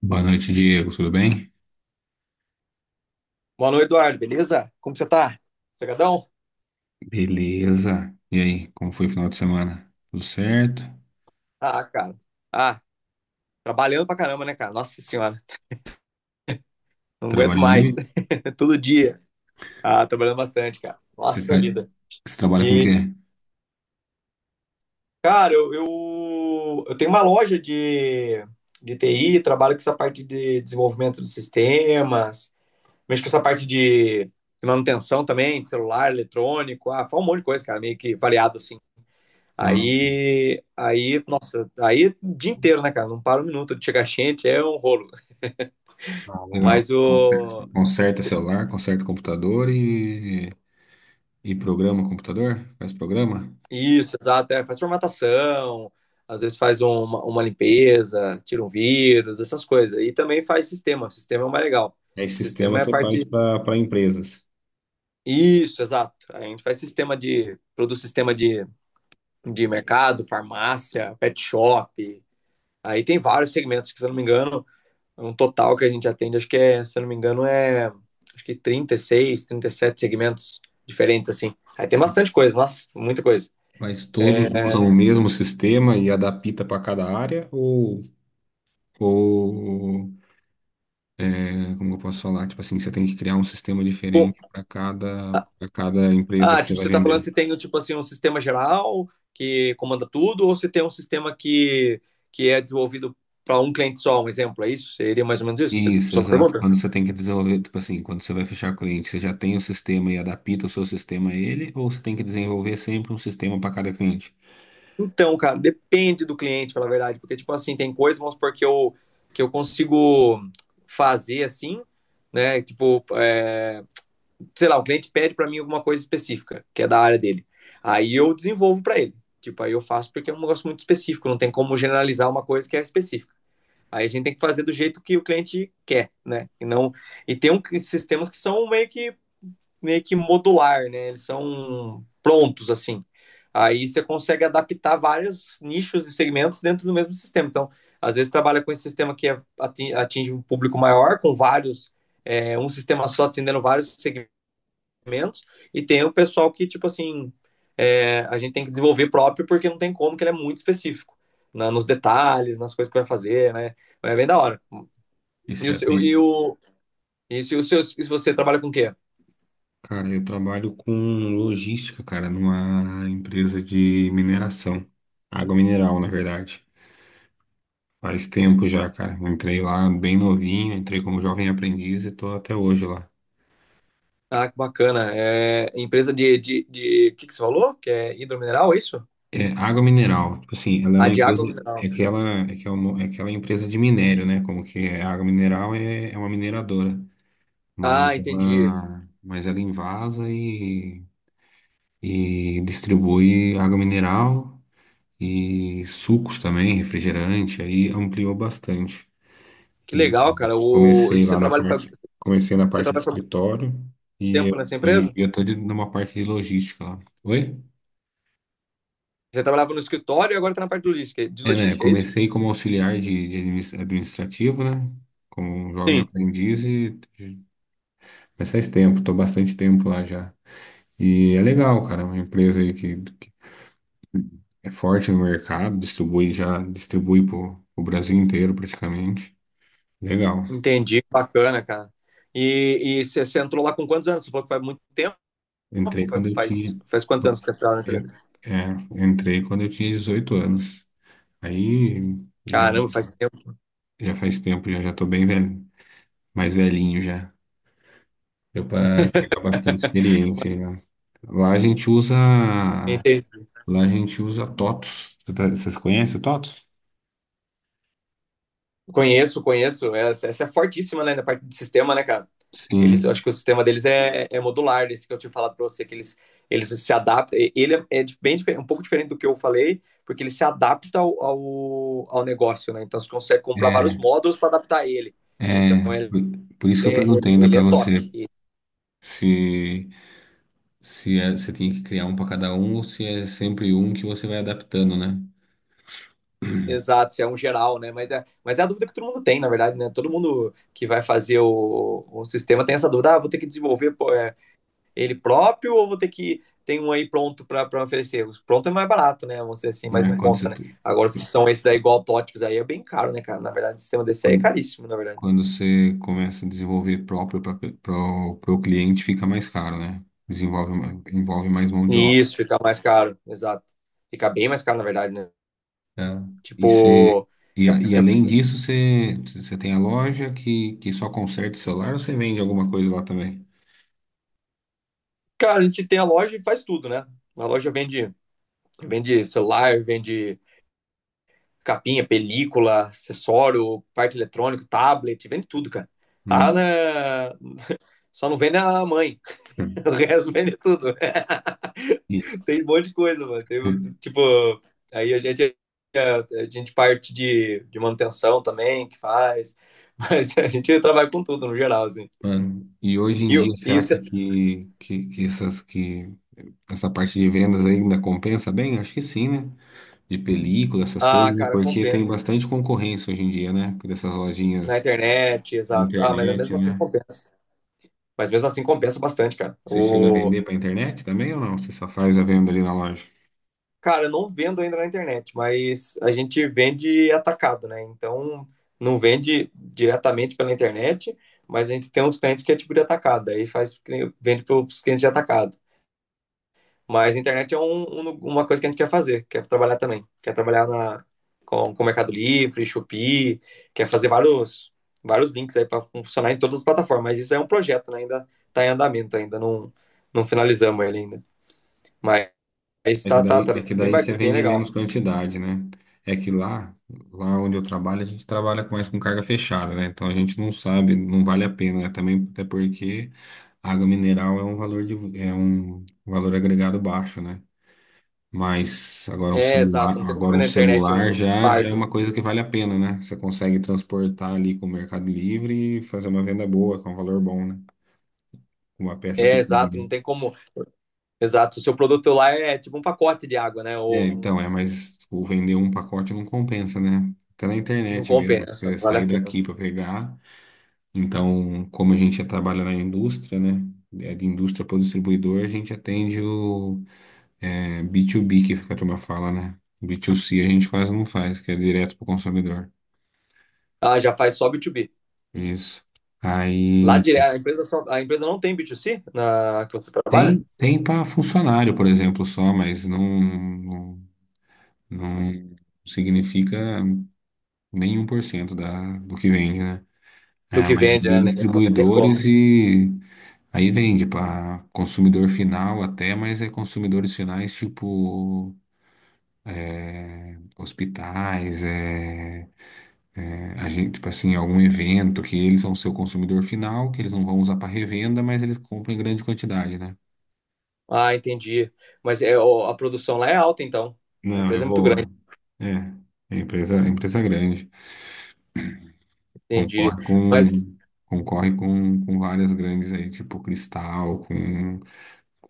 Boa noite, Diego. Tudo bem? Boa noite, Eduardo, beleza? Como você tá? Sossegadão? Beleza. E aí, como foi o final de semana? Tudo certo? Ah, cara. Ah, trabalhando pra caramba, né, cara? Nossa senhora, não aguento Trabalhando mais. muito? Todo dia. Ah, trabalhando bastante, cara. Você, fa... Nossa vida. Você trabalha com o E, quê? cara, eu tenho uma loja de TI, trabalho com essa parte de desenvolvimento de sistemas, mexo com essa parte de manutenção também, de celular, eletrônico, ah, faz um monte de coisa, cara, meio que variado, assim. Nossa. Aí, nossa, aí o dia inteiro, né, cara? Não para um minuto de chegar gente, é um rolo. Ah, legal. Mas o. Conserta celular, conserta computador e programa computador? Faz programa? Isso, exato, é, faz formatação, às vezes faz uma limpeza, tira um vírus, essas coisas. E também faz sistema, sistema é o mais legal. É esse sistema Sistema é a você faz parte. para empresas. Isso, exato. A gente faz sistema de. Produz sistema de mercado, farmácia, pet shop. Aí tem vários segmentos, que, se eu não me engano, um total que a gente atende, acho que é, se eu não me engano, é acho que 36, sete segmentos diferentes, assim. Aí tem bastante coisa, nossa, muita coisa. Mas todos É, usam o mesmo sistema e adapta para cada área? Ou, né? Como eu posso falar? Tipo assim, você tem que criar um sistema bom, diferente para cada, ah, para cada empresa que você tipo, vai você tá falando vender. se tem, tipo assim, um sistema geral que comanda tudo, ou se tem um sistema que é desenvolvido para um cliente só, um exemplo, é isso? Seria mais ou menos isso que você Isso, só exato. pergunta? Quando você tem que desenvolver, tipo assim, quando você vai fechar cliente, você já tem o sistema e adapta o seu sistema a ele, ou você tem que desenvolver sempre um sistema para cada cliente? Então, cara, depende do cliente, pela verdade, porque, tipo assim, tem coisas, vamos supor, que eu consigo fazer, assim, né, tipo, é, sei lá, o cliente pede para mim alguma coisa específica, que é da área dele. Aí eu desenvolvo para ele. Tipo, aí eu faço porque é um negócio muito específico, não tem como generalizar uma coisa que é específica. Aí a gente tem que fazer do jeito que o cliente quer, né? E não e tem um, sistemas que são meio que modular, né? Eles são prontos assim. Aí você consegue adaptar vários nichos e segmentos dentro do mesmo sistema. Então, às vezes trabalha com esse sistema que é, atinge um público maior, com vários, é, um sistema só atendendo vários segmentos menos, e tem o pessoal que, tipo assim, é, a gente tem que desenvolver próprio porque não tem como, que ele é muito específico nos detalhes, nas coisas que vai fazer, né? É bem da hora. E Isso o é, seu, e tem. o, se você trabalha com o quê? Cara, eu trabalho com logística, cara, numa empresa de mineração, água mineral, na verdade. Faz tempo já, cara. Eu entrei lá bem novinho, entrei como jovem aprendiz e tô até hoje lá. Ah, que bacana. É empresa de. O que que você falou? Que é hidromineral, é isso? É, água mineral, tipo assim, ela é Ah, uma de empresa, água é mineral. que ela, é que é uma, é que ela é empresa de minério, né? Como que é, a água mineral é uma mineradora, mas Ah, entendi. ela, mas ela invasa e distribui água mineral e sucos também, refrigerante, aí ampliou bastante. Que E legal, cara. O... e Você trabalha, fa- comecei na você parte de trabalha por muito escritório e tempo nessa hoje em empresa? dia estou numa parte de logística lá. Oi? Você trabalhava no escritório e agora tá na parte de logística, É, né? É isso? Comecei como auxiliar de administrativo, né? Como um jovem Sim. aprendiz e mas faz tempo, tô bastante tempo lá já. E é legal, cara, é uma empresa aí que é forte no mercado, distribui pro Brasil inteiro praticamente. Legal. Entendi, bacana, cara. E você entrou lá com quantos anos? Você falou que faz muito tempo, Entrei quando faz, eu faz, tinha, faz quantos anos que você entrou lá na en- empresa? é, entrei quando eu tinha 18 anos. Aí já, Caramba, faz tempo. já faz tempo, já tô bem velho, mais velhinho já. Deu para pegar bastante experiência, né? Lá a gente usa, Entendi. lá a gente usa TOTS. Vocês conhecem o TOTS? Conheço, conheço. Essa é fortíssima, né, na parte de sistema, né, cara? Eu acho Sim. que o sistema deles é modular, esse que eu tinha falado pra você, que eles se adaptam. Ele é um pouco diferente do que eu falei, porque ele se adapta ao negócio, né? Então você consegue comprar vários É, módulos para adaptar ele. Então é, é por isso que eu é, ele é, perguntei ainda ele para é top. você E- se se você tem que criar um para cada um ou se é sempre um que você vai adaptando, né? exato, isso é um geral, né? Mas é a dúvida que todo mundo tem, na verdade, né? Todo mundo que vai fazer o sistema tem essa dúvida: ah, vou ter que desenvolver pô, ele próprio ou vou ter que. Tem um aí pronto para oferecer. Os pronto é mais barato, né? Vamos dizer assim, mais em É, conta, né? Agora, os que são esses daí, igual autótipos, aí é bem caro, né, cara? Na verdade, o sistema desse aí é quando, caríssimo, na verdade. quando você começa a desenvolver próprio para o cliente, fica mais caro, né? Envolve mais mão de obra, Isso, fica mais caro, exato. Fica bem mais caro, na verdade, né? né? E, Tipo, é- além disso, você tem a loja que só conserta celular ou você vende alguma coisa lá também? cara, a gente tem a loja e faz tudo, né? A loja vende vende celular, vende capinha, película, acessório, parte eletrônica, tablet, vende tudo, cara. Lá Hum. na... Só não vende a mãe. O resto vende tudo. E, Tem um monte de coisa, mano. Tem, um, tipo, aí a gente parte de manutenção também, que faz. Mas a gente trabalha com tudo, no geral, assim. mano, hoje em E, dia você e acha você... que essa parte de vendas ainda compensa bem? Acho que sim, né? De película, essas Ah, coisas, né? cara, Porque tem compensa. bastante concorrência hoje em dia, né? Dessas Na lojinhas internet, de exato. Ah, mas internet, mesmo assim né? compensa. Mas mesmo assim compensa bastante, cara. Você chega a O vender para internet também ou não? Você só faz a venda ali na loja? Cara, eu não vendo ainda na internet, mas a gente vende atacado, né? Então, não vende diretamente pela internet, mas a gente tem uns clientes que é tipo de atacado, aí faz, vende para os clientes de atacado. Mas a internet é uma coisa que a gente quer fazer, quer trabalhar também. Quer trabalhar na, com Mercado Livre, Shopee, quer fazer vários, vários links aí para funcionar em todas as plataformas. Mas isso é um projeto, né? Ainda está em andamento, ainda não, não finalizamos ele ainda. Mas É que está tá, daí, tá é tá que bem, daí você bem vende legal. menos quantidade, né? É que lá onde eu trabalho, a gente trabalha mais com carga fechada, né? Então a gente não sabe, não vale a pena, né? Também até porque água mineral é um valor agregado baixo, né? Mas agora um É, celular, exato, não tem como você agora um vender na internet celular um já é uma fardo. coisa que vale a pena, né? Você consegue transportar ali com o Mercado Livre e fazer uma venda boa, com um valor bom, né? Com uma peça É, pequena, exato, não né? tem como. Exato, o seu produto lá é tipo um pacote de água, né? É, Ou então, é, não, mas tipo, vender um pacote não compensa, né? Até na não internet mesmo, compensa, não você vale sair a pena. daqui para pegar. Então, como a gente já trabalha na indústria, né? É de indústria para o distribuidor, a gente atende o B2B, que fica a turma fala, né? B2C a gente quase não faz, que é direto para o consumidor. Ah, já faz só B2B. Isso. Lá Aí dire- a empresa só, a empresa não tem B2C na que você trabalha? tem para funcionário, por exemplo, só, mas não, não significa nem 1% do que vende, né? Do É, a que vende, maioria é né? Não tem distribuidores como. e aí vende para consumidor final até, mas é consumidores finais tipo hospitais, a gente, tipo assim, algum evento que eles são seu consumidor final, que eles não vão usar para revenda, mas eles compram em grande quantidade, né? Ah, entendi. Mas é, ó, a produção lá é alta, então. A Não, é empresa é muito grande, boa. É, é empresa grande. entendi. Concorre Mas com, concorre com várias grandes aí, tipo Cristal, com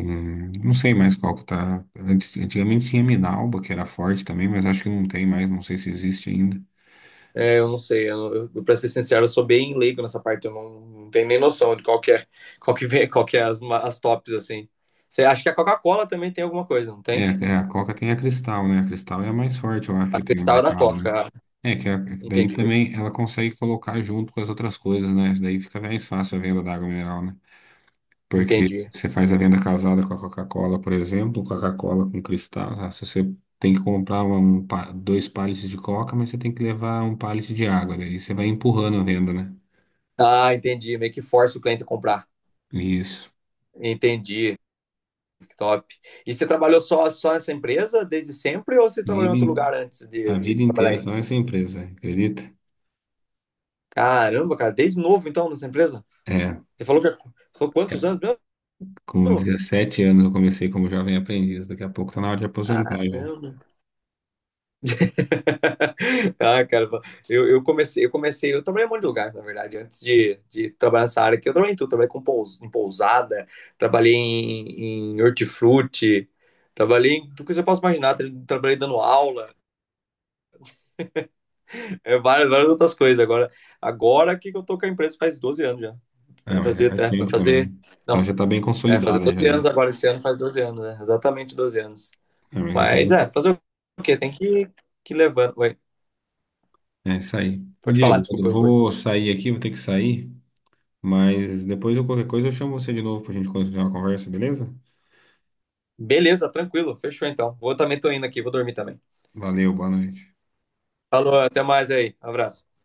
Não sei mais qual que tá. Antigamente tinha Minalba, que era forte também, mas acho que não tem mais, não sei se existe ainda. É, eu não sei, pra ser sincero, eu sou bem leigo nessa parte, eu não, não tenho nem noção de qual que é, qual que vem, qual que é as tops, assim. Você acha que a Coca-Cola também tem alguma coisa, não É, tem? é, a Coca tem a Cristal, né? A Cristal é a mais forte, eu acho A que tem no Cristal é da mercado, né? Coca, ah, É que daí entendi, também ela consegue colocar junto com as outras coisas, né? Daí fica mais fácil a venda da água mineral, né? Porque entendi. você faz a venda casada com a Coca-Cola, por exemplo, Coca-Cola com Cristal, tá? Se você tem que comprar dois pallets de Coca, mas você tem que levar um pallet de água, daí você vai empurrando a venda, né? Ah, entendi, meio que força o cliente a comprar. Isso. Entendi, que top. E você trabalhou só nessa empresa desde sempre ou você trabalhou em Vida outro lugar in- antes de, a de vida trabalhar inteira aí? só nessa empresa, acredita? Caramba, cara, desde novo então nessa empresa? É, Você falou que falou quantos ca- anos com mesmo? 17 anos eu comecei como jovem aprendiz, daqui a pouco tá na hora de aposentar Caramba. já. Ah, cara, eu trabalhei em um monte de lugar, na verdade, antes de trabalhar nessa área aqui, eu trabalhei em tudo, trabalhei em pousada, trabalhei em hortifruti, trabalhei em tudo que você possa imaginar, trabalhei dando aula, é, várias, várias outras coisas, agora que eu tô com a empresa faz 12 anos já, Ah, vai mas já fazer faz até, vai tempo fazer, também. Então não, já tá bem fazer consolidada já 12 anos aí. agora, esse ano faz 12 anos, né, exatamente 12 anos, Ah, mas então mas já é, tá. fazer o quê, tem que levando, Oi, É isso aí. Ô pode falar, Diego, eu desculpa, eu cortei. vou sair aqui, vou ter que sair, mas depois de qualquer coisa eu chamo você de novo pra gente continuar a conversa, beleza? Beleza, tranquilo. Fechou então. Vou também tô indo aqui, vou dormir também. Valeu, boa noite. Falou, até mais aí. Abraço.